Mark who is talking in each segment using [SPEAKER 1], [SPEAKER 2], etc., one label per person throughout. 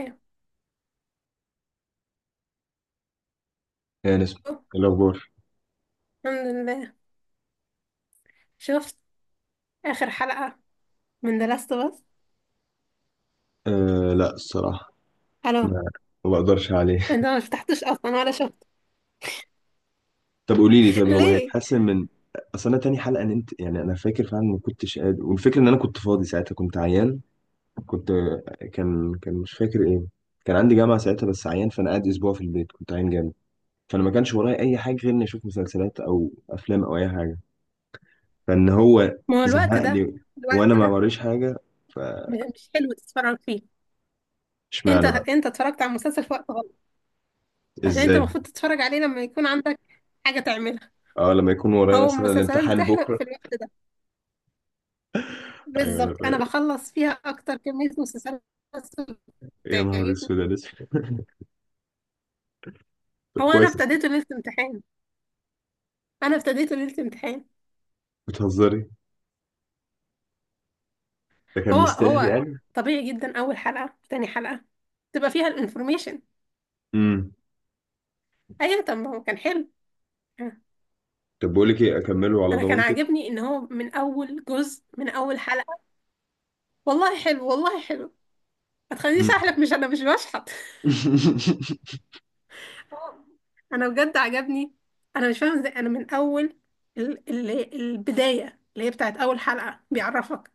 [SPEAKER 1] أيوة.
[SPEAKER 2] يعني اسمه الأخبار.
[SPEAKER 1] الحمد لله، شفت آخر حلقة من ذا لاست. بس
[SPEAKER 2] آه، لا الصراحة،
[SPEAKER 1] ألو،
[SPEAKER 2] ما ما بقدرش عليه.
[SPEAKER 1] أنت ما فتحتش أصلا ولا شفت؟
[SPEAKER 2] طب قولي لي، طب هو
[SPEAKER 1] ليه؟
[SPEAKER 2] هيتحسن من أصل؟ أنا تاني حلقة نمت، يعني أنا فاكر فعلا ما كنتش قادر، والفكرة إن أنا كنت فاضي ساعتها، كنت عيان. كنت كان كان مش فاكر إيه، كان عندي جامعة ساعتها، بس عيان، فأنا قاعد أسبوع في البيت، كنت عيان جامد. فأنا ما كانش ورايا أي حاجة غير إني أشوف مسلسلات أو أفلام أو أي حاجة، فإن هو
[SPEAKER 1] ما هو الوقت ده،
[SPEAKER 2] زهقني، وأنا
[SPEAKER 1] الوقت
[SPEAKER 2] ما
[SPEAKER 1] ده
[SPEAKER 2] وريش حاجة.
[SPEAKER 1] مش حلو تتفرج فيه. أنت
[SPEAKER 2] فاشمعنى بقى؟
[SPEAKER 1] أنت اتفرجت على المسلسل في وقت غلط. عشان أنت
[SPEAKER 2] إزاي؟
[SPEAKER 1] المفروض تتفرج عليه لما يكون عندك حاجة تعملها.
[SPEAKER 2] أه، لما يكون ورايا
[SPEAKER 1] هو
[SPEAKER 2] مثلا
[SPEAKER 1] المسلسلات
[SPEAKER 2] الامتحان
[SPEAKER 1] بتحلق
[SPEAKER 2] بكرة.
[SPEAKER 1] في الوقت ده؟ بالظبط،
[SPEAKER 2] أيوه.
[SPEAKER 1] أنا بخلص فيها أكتر كمية مسلسلات
[SPEAKER 2] يا نهار
[SPEAKER 1] بتعجبني.
[SPEAKER 2] اسود، يا لسه. طب
[SPEAKER 1] هو أنا
[SPEAKER 2] كويس.
[SPEAKER 1] ابتديته ليلة امتحان، أنا ابتديته ليلة امتحان.
[SPEAKER 2] بتهزري؟ ده كان
[SPEAKER 1] هو
[SPEAKER 2] مستاهل
[SPEAKER 1] هو
[SPEAKER 2] يعني.
[SPEAKER 1] طبيعي جدا، اول حلقه تاني حلقه تبقى فيها الانفورميشن.
[SPEAKER 2] امم
[SPEAKER 1] ايوه، طب ما هو كان حلو. آه،
[SPEAKER 2] طب بقول لك ايه، اكمله على
[SPEAKER 1] انا كان
[SPEAKER 2] ضمانتك.
[SPEAKER 1] عاجبني ان هو من اول جزء من اول حلقه. والله حلو، والله حلو. ما تخلينيش
[SPEAKER 2] امم
[SPEAKER 1] احلف، مش انا مش بشحت. انا بجد عجبني. انا مش فاهمه ازاي. انا من اول ال البدايه اللي هي بتاعت اول حلقه بيعرفك.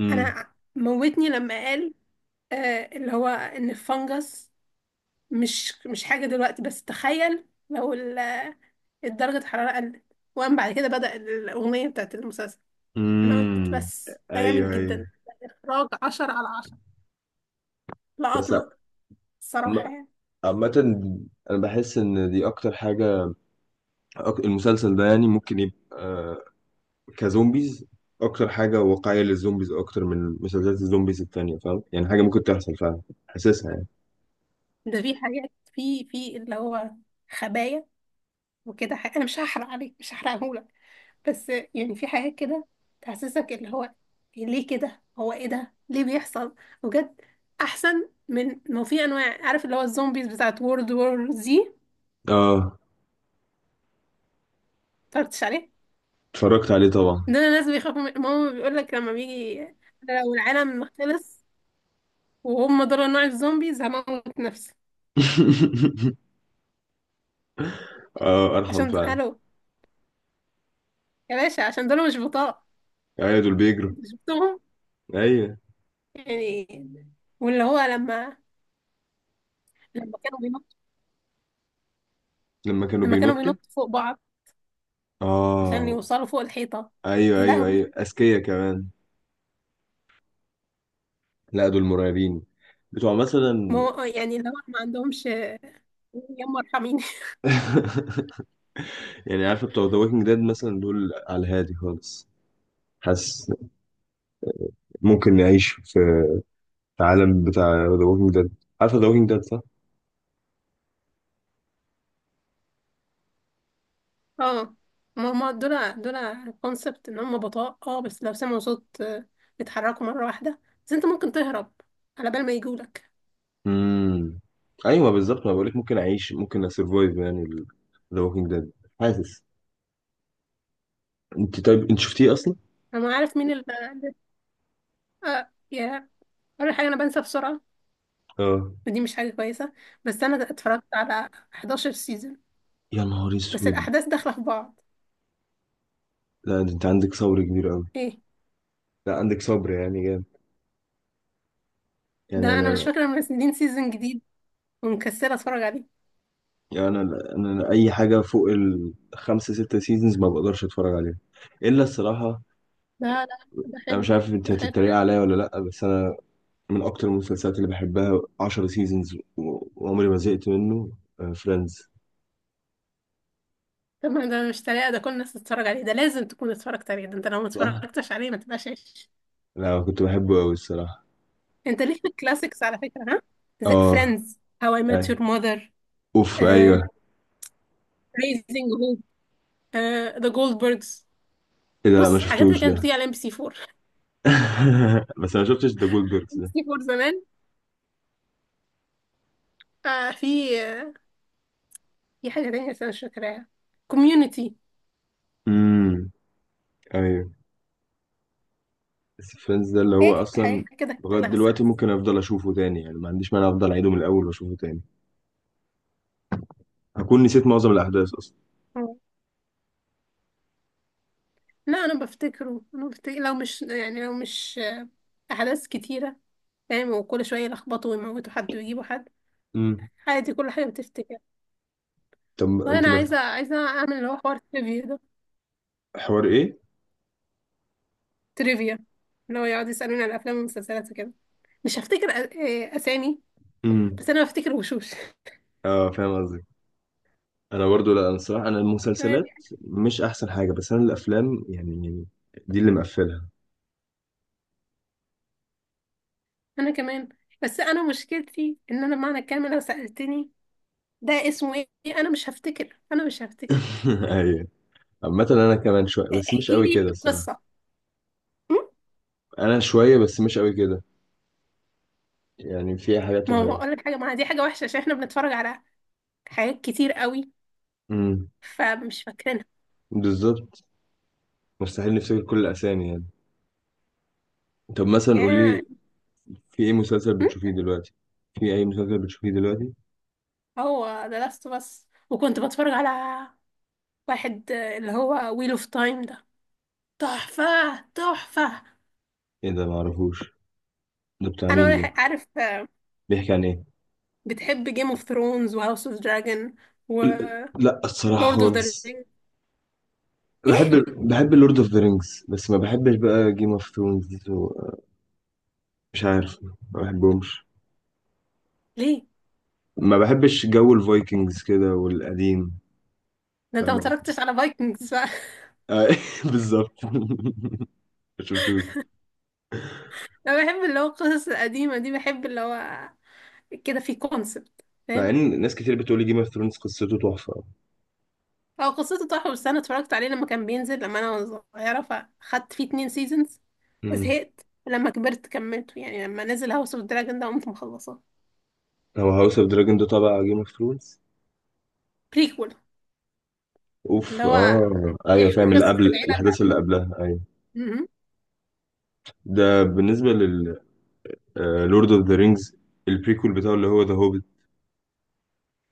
[SPEAKER 2] امم
[SPEAKER 1] انا موتني لما قال آه، اللي هو ان الفنجس مش حاجه دلوقتي، بس تخيل لو ال درجة الحرارة قلت، وقام بعد كده بدأ الأغنية بتاعت المسلسل. أنا
[SPEAKER 2] امم
[SPEAKER 1] قلت، بس ده
[SPEAKER 2] ايوه،
[SPEAKER 1] جامد
[SPEAKER 2] ايوه.
[SPEAKER 1] جدا. إخراج عشرة على عشرة،
[SPEAKER 2] بس
[SPEAKER 1] لقطني
[SPEAKER 2] عم-
[SPEAKER 1] الصراحة يعني.
[SPEAKER 2] عامة، انا بحس ان دي اكتر حاجة. المسلسل ده يعني ممكن يبقى كزومبيز اكتر حاجة واقعية للزومبيز اكتر من مسلسلات الزومبيز التانية، فاهم؟ يعني حاجة ممكن تحصل فعلا، حاسسها يعني.
[SPEAKER 1] ده في حاجات في اللي هو خبايا وكده حاجة. أنا مش هحرق عليك، مش هحرقهولك، بس يعني في حاجات كده تحسسك اللي هو إيه، ليه كده، هو إيه ده ليه بيحصل؟ بجد أحسن من ما في أنواع، عارف، اللي هو الزومبيز بتاعت وورد وور. زي
[SPEAKER 2] اه،
[SPEAKER 1] اتفرجتش عليه؟
[SPEAKER 2] اتفرجت عليه طبعا.
[SPEAKER 1] ده انا لازم يخافوا من ماما، بيقول لك لما بيجي. أنا لو العالم خلص وهم دول نوع الزومبيز، هموت نفسي.
[SPEAKER 2] اه، ارحم
[SPEAKER 1] عشان
[SPEAKER 2] فعلا.
[SPEAKER 1] الو يا باشا، عشان دول مش بطاقة.
[SPEAKER 2] ايوه، دول بيجروا.
[SPEAKER 1] انت شفتهم
[SPEAKER 2] ايوه،
[SPEAKER 1] يعني، واللي هو لما، لما كانوا بينطوا،
[SPEAKER 2] لما كانوا
[SPEAKER 1] لما كانوا
[SPEAKER 2] بينطوا.
[SPEAKER 1] بينطوا فوق بعض عشان
[SPEAKER 2] اه،
[SPEAKER 1] يوصلوا فوق الحيطة.
[SPEAKER 2] ايوه
[SPEAKER 1] يا
[SPEAKER 2] ايوه
[SPEAKER 1] لهوي.
[SPEAKER 2] ايوه، اذكياء كمان. لا، دول مرعبين. بتوع
[SPEAKER 1] ما
[SPEAKER 2] مثلا.
[SPEAKER 1] هو يعني اللي هو ما عندهمش. يما ارحميني.
[SPEAKER 2] يعني عارفه بتوع ذا ووكينج ديد مثلا، دول على الهادي خالص. حاسس ممكن نعيش في العالم بتاع ذا ووكينج ديد. عارفه ذا ووكينج ديد، صح؟
[SPEAKER 1] اه. ما هما دول، دول كونسبت ان هم بطاء، اه، بس لو سمعوا صوت بيتحركوا مرة واحدة. بس انت ممكن تهرب على بال ما يجولك.
[SPEAKER 2] امم ايوه بالظبط، ما بقولك ممكن اعيش، ممكن اسرفايف يعني ذا ووكينج ديد. حاسس. انت طيب، انت شفتيه اصلا؟
[SPEAKER 1] انا عارف مين اللي اللي- آه يا اول حاجه انا بنسى بسرعه،
[SPEAKER 2] اه.
[SPEAKER 1] ودي مش حاجه كويسه. بس انا اتفرجت على 11 سيزون،
[SPEAKER 2] يا نهار
[SPEAKER 1] بس
[SPEAKER 2] اسود.
[SPEAKER 1] الاحداث داخله في بعض.
[SPEAKER 2] لا ده انت عندك صبر كبير قوي.
[SPEAKER 1] ايه،
[SPEAKER 2] لا، عندك صبر يعني. يعني
[SPEAKER 1] ده انا مش
[SPEAKER 2] انا
[SPEAKER 1] فاكره منزلين سيزون جديد ومكسله اتفرج عليه.
[SPEAKER 2] يعني انا اي حاجه فوق الخمسه سته سيزونز ما بقدرش اتفرج عليها الا الصراحه.
[SPEAKER 1] لا، ده
[SPEAKER 2] انا
[SPEAKER 1] حلو،
[SPEAKER 2] مش عارف انت
[SPEAKER 1] ده حلو.
[SPEAKER 2] هتتريق عليا ولا لا، بس انا من اكتر المسلسلات اللي بحبها 10 سيزونز وعمري ما زهقت منه، فريندز.
[SPEAKER 1] طب ما ده مش طريقه، ده كل الناس تتفرج عليه، ده لازم تكون اتفرجت عليه، ده انت لو ما
[SPEAKER 2] صح.
[SPEAKER 1] اتفرجتش عليه ما تبقاش عايش.
[SPEAKER 2] لا كنت بحبه قوي الصراحه.
[SPEAKER 1] انت، ليه في الكلاسيكس على فكره؟ ها،
[SPEAKER 2] اه.
[SPEAKER 1] فريندز، هاو اي ميت
[SPEAKER 2] أي.
[SPEAKER 1] يور ماذر،
[SPEAKER 2] اوف، ايوه.
[SPEAKER 1] ريزنج هوب، ذا جولدبرجز.
[SPEAKER 2] ايه ده؟ لا ما
[SPEAKER 1] بص حاجات اللي
[SPEAKER 2] شفتوش
[SPEAKER 1] كانت
[SPEAKER 2] ده.
[SPEAKER 1] بتيجي على ام بي سي
[SPEAKER 2] بس انا ما شفتش ذا جولد بيركس ده.
[SPEAKER 1] سي فور زمان. آه، في في حاجة تانية بس أنا مش فاكراها. كوميونيتي.
[SPEAKER 2] امم ايوه. بس فريندز ده اللي هو
[SPEAKER 1] هيك
[SPEAKER 2] اصلا
[SPEAKER 1] حاجات كده
[SPEAKER 2] لغايه
[SPEAKER 1] كلاسيك.
[SPEAKER 2] دلوقتي ممكن افضل اشوفه تاني يعني، ما عنديش مانع افضل اعيده من الاول واشوفه تاني. هكون نسيت معظم الاحداث اصلا.
[SPEAKER 1] لا أنا بفتكره، أنا بفتكر لو مش يعني لو مش أحداث كتيرة، فاهم، وكل شوية يلخبطوا ويموتوا حد ويجيبوا حد.
[SPEAKER 2] امم
[SPEAKER 1] عادي كل حاجة بتفتكر.
[SPEAKER 2] طب انت
[SPEAKER 1] وأنا
[SPEAKER 2] ما.
[SPEAKER 1] عايزة، عايزة أعمل اللي هو حوار تريفيا ده،
[SPEAKER 2] حوار ايه؟
[SPEAKER 1] تريفيا، اللي هو يقعد يسألوني على الأفلام والمسلسلات وكده. مش هفتكر أسامي،
[SPEAKER 2] امم
[SPEAKER 1] بس أنا بفتكر وشوش.
[SPEAKER 2] اه فاهم قصدك. انا برضو، لا انا الصراحه، انا المسلسلات مش احسن حاجه، بس انا الافلام يعني، دي اللي مقفلها.
[SPEAKER 1] أنا كمان، بس أنا مشكلتي إن أنا بمعنى الكلمة لو سألتني ده اسمه ايه، انا مش هفتكر، انا مش هفتكر.
[SPEAKER 2] ايوه. عامه انا كمان شويه، بس مش
[SPEAKER 1] احكي
[SPEAKER 2] قوي
[SPEAKER 1] لي
[SPEAKER 2] كده الصراحه.
[SPEAKER 1] القصه. م؟
[SPEAKER 2] انا شويه بس مش قوي كده، يعني في حاجات
[SPEAKER 1] ما هو
[SPEAKER 2] وحاجات.
[SPEAKER 1] اقول لك حاجه، ما دي حاجه وحشه عشان احنا بنتفرج على حاجات كتير قوي
[SPEAKER 2] امم
[SPEAKER 1] فمش فاكرينها
[SPEAKER 2] بالظبط، مستحيل نفتكر كل الاسامي يعني. طب مثلا قولي
[SPEAKER 1] يعني.
[SPEAKER 2] لي، في ايه مسلسل
[SPEAKER 1] م؟
[SPEAKER 2] بتشوفيه دلوقتي في اي مسلسل بتشوفيه دلوقتي؟
[SPEAKER 1] هو ده لاست، بس وكنت بتفرج على واحد اللي هو ويل اوف تايم ده. تحفه، تحفه.
[SPEAKER 2] ايه ده، معرفوش. ده بتاع
[SPEAKER 1] انا
[SPEAKER 2] مين ده؟
[SPEAKER 1] عارف
[SPEAKER 2] بيحكي عن ايه؟
[SPEAKER 1] بتحب جيم اوف ثرونز وهاوس اوف دراجون
[SPEAKER 2] لا الصراحة
[SPEAKER 1] ولورد اوف ذا
[SPEAKER 2] خالص.
[SPEAKER 1] رينج؟
[SPEAKER 2] بحب.
[SPEAKER 1] ايه
[SPEAKER 2] بحب اللورد اوف ذا رينجز، بس ما بحبش بقى جيم اوف ثرونز. مش عارف، ما بحبهمش.
[SPEAKER 1] ليه
[SPEAKER 2] ما بحبش جو الفايكنجز كده والقديم.
[SPEAKER 1] ده، انت ما
[SPEAKER 2] فاهم قصدي؟
[SPEAKER 1] اتفرجتش على فايكنجز.
[SPEAKER 2] آه، بالظبط. ما شفتوش.
[SPEAKER 1] انا بحب اللي هو القصص القديمه دي، بحب اللي هو كده في كونسبت،
[SPEAKER 2] مع
[SPEAKER 1] فاهم.
[SPEAKER 2] ان ناس كتير بتقول لي جيم اوف ثرونز قصته تحفة.
[SPEAKER 1] هو قصته تحفه، بس انا اتفرجت عليه لما كان بينزل، لما انا، وانا صغيره، فاخدت فيه اتنين سيزونز
[SPEAKER 2] مم.
[SPEAKER 1] وزهقت. لما كبرت كملته، يعني لما نزل هاوس اوف دراجون ده قمت مخلصاه.
[SPEAKER 2] هو هاوس اوف دراجون ده تبع جيم اوف ثرونز؟
[SPEAKER 1] بريكول، اللي
[SPEAKER 2] اوف،
[SPEAKER 1] هو
[SPEAKER 2] اه ايوه
[SPEAKER 1] بيحكي
[SPEAKER 2] فاهم، اللي
[SPEAKER 1] قصه
[SPEAKER 2] قبل
[SPEAKER 1] العيله اللي
[SPEAKER 2] الاحداث اللي
[SPEAKER 1] قبلها.
[SPEAKER 2] قبلها، ايوه.
[SPEAKER 1] م-م.
[SPEAKER 2] ده بالنسبة لل لورد اوف ذا رينجز، البريكول بتاعه اللي هو ذا هوبيت.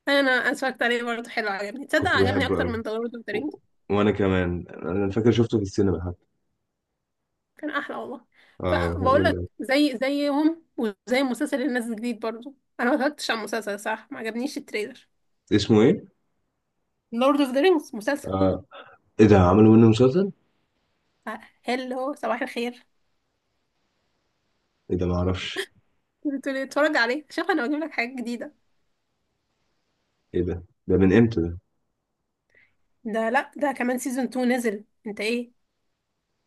[SPEAKER 1] انا اتفرجت عليه برضه، حلو، عجبني، تصدق
[SPEAKER 2] كنت
[SPEAKER 1] عجبني
[SPEAKER 2] بحبه
[SPEAKER 1] اكتر
[SPEAKER 2] قوي.
[SPEAKER 1] من ذا لورد اوف ذا رينجز،
[SPEAKER 2] وانا كمان انا فاكر شفته في السينما حتى.
[SPEAKER 1] كان احلى والله.
[SPEAKER 2] اه كان
[SPEAKER 1] فبقول
[SPEAKER 2] جامد
[SPEAKER 1] لك
[SPEAKER 2] أوي.
[SPEAKER 1] زي زيهم، وزي المسلسل اللي نازل جديد برضه، انا ما اتفرجتش على المسلسل، صح، ما عجبنيش التريلر.
[SPEAKER 2] اسمه ايه؟
[SPEAKER 1] لورد اوف ذا رينجز مسلسل.
[SPEAKER 2] آه. ايه ده، عملوا منه مسلسل؟
[SPEAKER 1] هلو، صباح الخير.
[SPEAKER 2] ايه ده معرفش.
[SPEAKER 1] بتقولي اتفرج عليه؟ شوف، انا بجيب لك حاجات جديده.
[SPEAKER 2] ايه ده؟ ده من امتى ده؟
[SPEAKER 1] ده، لا ده كمان سيزون 2 نزل، انت ايه؟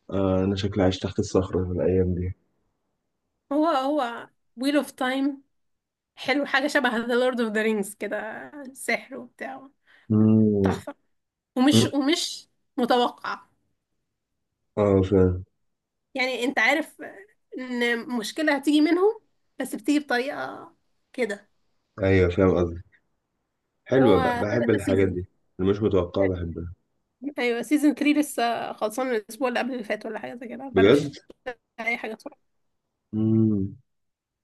[SPEAKER 2] آه انا شكلي عايش تحت الصخرة في الايام دي.
[SPEAKER 1] هو ويل اوف تايم، حلو، حاجه شبه ذا لورد اوف ذا رينجز كده، سحر وبتاع،
[SPEAKER 2] مم.
[SPEAKER 1] تحفه، ومش
[SPEAKER 2] مم.
[SPEAKER 1] ومش متوقع.
[SPEAKER 2] اه فاهم.
[SPEAKER 1] يعني انت عارف ان مشكله هتيجي منهم، بس بتيجي بطريقه كده.
[SPEAKER 2] ايوه فاهم قصدي. حلوة
[SPEAKER 1] هو
[SPEAKER 2] بقى، بحب
[SPEAKER 1] ثلاثة
[SPEAKER 2] الحاجات
[SPEAKER 1] سيزون.
[SPEAKER 2] دي اللي مش متوقعة، بحبها.
[SPEAKER 1] ايوه سيزون 3 لسه خلصان الاسبوع اللي قبل اللي فات ولا حاجه زي كده، فانا
[SPEAKER 2] بجد؟
[SPEAKER 1] مش لاقي اي حاجه اتفرج.
[SPEAKER 2] مم.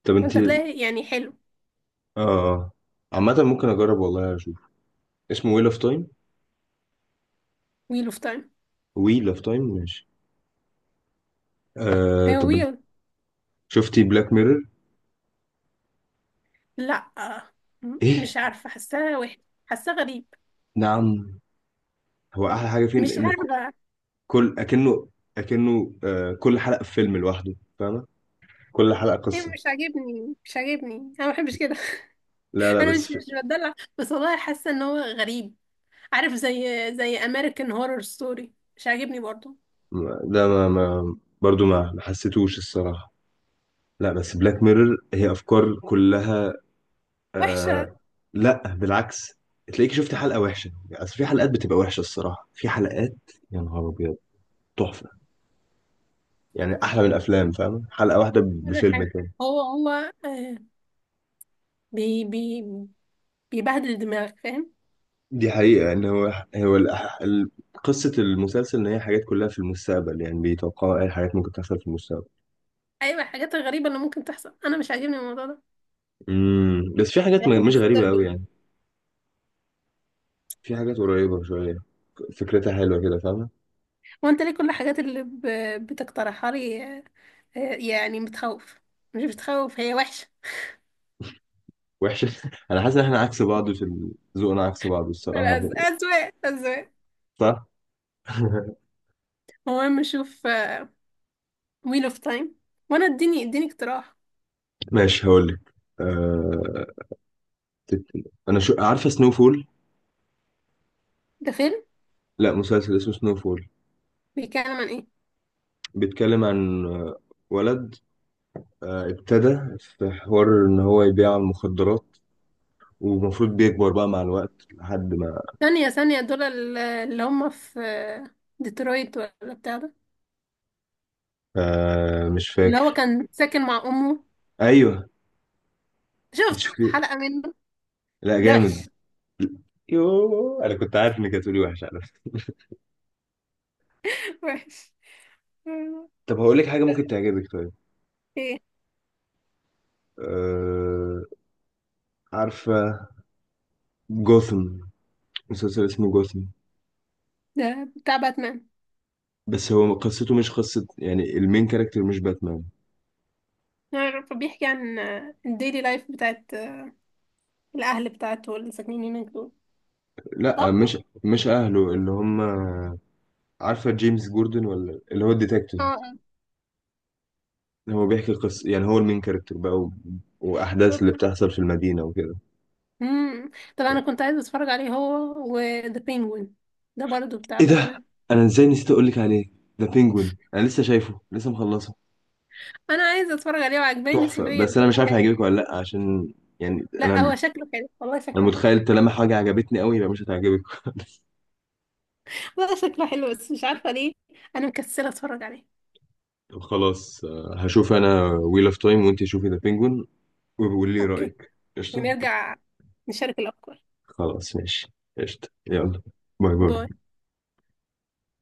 [SPEAKER 2] طب
[SPEAKER 1] ما
[SPEAKER 2] انت.
[SPEAKER 1] انت تلاقي يعني حلو.
[SPEAKER 2] اه. آه. عامة ممكن اجرب والله، اشوف. اسمه ويل اوف تايم؟
[SPEAKER 1] ويل اوف تايم.
[SPEAKER 2] ويل اوف تايم، ماشي. آه
[SPEAKER 1] ايوه،
[SPEAKER 2] طب،
[SPEAKER 1] ويل.
[SPEAKER 2] شفتي بلاك ميرور؟
[SPEAKER 1] لا،
[SPEAKER 2] ايه؟
[SPEAKER 1] مش عارفه، حاساها وحش، حاساه غريب،
[SPEAKER 2] نعم. هو احلى حاجه فيه
[SPEAKER 1] مش
[SPEAKER 2] ان ك-
[SPEAKER 1] عارفه.
[SPEAKER 2] كل اكنه اكنه آه، كل حلقه في فيلم لوحده، فاهمه؟ كل حلقه
[SPEAKER 1] هي
[SPEAKER 2] قصه.
[SPEAKER 1] مش عاجبني، مش عاجبني، انا ما بحبش كده.
[SPEAKER 2] لا لا،
[SPEAKER 1] انا مش
[SPEAKER 2] بس في...
[SPEAKER 1] مش بتدلع، بس والله حاسه ان هو غريب، عارف، زي، زي امريكان هورر ستوري، مش عاجبني برضه،
[SPEAKER 2] ده ما برضو ما حسيتوش الصراحه. لا بس بلاك ميرور هي افكار كلها.
[SPEAKER 1] وحشه،
[SPEAKER 2] آه... لا بالعكس، تلاقيك شفت حلقه وحشه يعني، أصل في حلقات بتبقى وحشه الصراحه، في حلقات يا نهار ابيض تحفه، يعني احلى من الافلام، فاهمه؟ حلقه واحده
[SPEAKER 1] ولا
[SPEAKER 2] بفيلم
[SPEAKER 1] حاجه.
[SPEAKER 2] كده.
[SPEAKER 1] هو آه، بي بيبهدل دماغك، فاهم.
[SPEAKER 2] دي حقيقة يعني. هو الأح- ال- قصة المسلسل إن هي حاجات كلها في المستقبل، يعني بيتوقعوا أي حاجات ممكن تحصل في المستقبل.
[SPEAKER 1] ايوه الحاجات الغريبه اللي ممكن تحصل، انا مش عاجبني الموضوع ده،
[SPEAKER 2] بس في حاجات
[SPEAKER 1] حاجات
[SPEAKER 2] مش غريبة أوي
[SPEAKER 1] disturbing.
[SPEAKER 2] يعني، في حاجات قريبة شوية، فكرتها حلوة كده، فاهمة؟
[SPEAKER 1] وانت ليه كل الحاجات اللي بتقترحها لي يعني بتخوف، مش بتخوف، هي وحشه.
[SPEAKER 2] وحشة. أنا حاسس إن إحنا عكس بعض في ال ذوقنا، عكس بعض الصراحة.
[SPEAKER 1] اذواق، اذواق.
[SPEAKER 2] صح.
[SPEAKER 1] المهم نشوف ويل اوف تايم، وانا اديني، اديني اقتراح.
[SPEAKER 2] ماشي هقول لك. أه... تت- أنا شو عارفة سنو فول.
[SPEAKER 1] ده فيلم؟
[SPEAKER 2] لا مسلسل اسمه سنو فول.
[SPEAKER 1] بيتكلم عن ايه؟
[SPEAKER 2] بيتكلم عن ولد ابتدى في حوار إن هو يبيع المخدرات، ومفروض بيكبر بقى مع الوقت لحد ما.
[SPEAKER 1] ثانيه ثانيه، دول اللي هم في ديترويت ولا بتاع ده،
[SPEAKER 2] آه مش
[SPEAKER 1] اللي هو
[SPEAKER 2] فاكر.
[SPEAKER 1] كان ساكن مع امه؟
[SPEAKER 2] ايوه.
[SPEAKER 1] شفت
[SPEAKER 2] شكلي.
[SPEAKER 1] حلقه منه.
[SPEAKER 2] لا
[SPEAKER 1] ده وحش.
[SPEAKER 2] جامد. يوه انا كنت عارف انك هتقولي وحش على فكره.
[SPEAKER 1] وحش.
[SPEAKER 2] طب هقول لك حاجه ممكن تعجبك طيب.
[SPEAKER 1] ايه
[SPEAKER 2] آه. عارفه جوثم؟ مسلسل اسمه جوثم.
[SPEAKER 1] ده؟ بتاع باتمان؟
[SPEAKER 2] بس هو قصته مش قصة يعني المين كاركتر مش باتمان.
[SPEAKER 1] يعني فبيحكي عن الديلي لايف بتاعت الأهل بتاعته اللي ساكنين هناك دول،
[SPEAKER 2] لا،
[SPEAKER 1] صح؟
[SPEAKER 2] مش اهله اللي هم. عارفه جيمس جوردن، ولا اللي هو الديتكتيف.
[SPEAKER 1] اه،
[SPEAKER 2] هو بيحكي قصة، يعني هو المين كاركتر بقى، و... واحداث
[SPEAKER 1] بالظبط.
[SPEAKER 2] اللي بتحصل في المدينة وكده.
[SPEAKER 1] امم. طب أنا كنت عايزة أتفرج عليه هو وذا بينجوين، ده برضه بتاع
[SPEAKER 2] ايه ده،
[SPEAKER 1] باتمان.
[SPEAKER 2] انا ازاي نسيت اقول لك عليه ده، بينجوين، انا لسه شايفه، لسه مخلصه.
[SPEAKER 1] أنا عايزة أتفرج عليه وعجباني
[SPEAKER 2] تحفه،
[SPEAKER 1] سofia
[SPEAKER 2] بس انا
[SPEAKER 1] وكل
[SPEAKER 2] مش عارف
[SPEAKER 1] حاجة.
[SPEAKER 2] هيعجبك ولا لا، عشان يعني
[SPEAKER 1] لا
[SPEAKER 2] انا،
[SPEAKER 1] هو شكله حلو والله،
[SPEAKER 2] انا
[SPEAKER 1] شكله حلو.
[SPEAKER 2] متخيل طالما حاجه عجبتني قوي يبقى مش هتعجبك.
[SPEAKER 1] لا شكله حلو، بس مش عارفة ليه أنا مكسلة أتفرج عليه.
[SPEAKER 2] طب خلاص، هشوف انا ويل اوف تايم، وانت شوفي ذا بينجوين، وبقول لي
[SPEAKER 1] أوكي،
[SPEAKER 2] رايك، قشطه.
[SPEAKER 1] ونرجع نشارك الأفكار.
[SPEAKER 2] خلاص ماشي. قشطه، يلا. باي باي.
[SPEAKER 1] باي.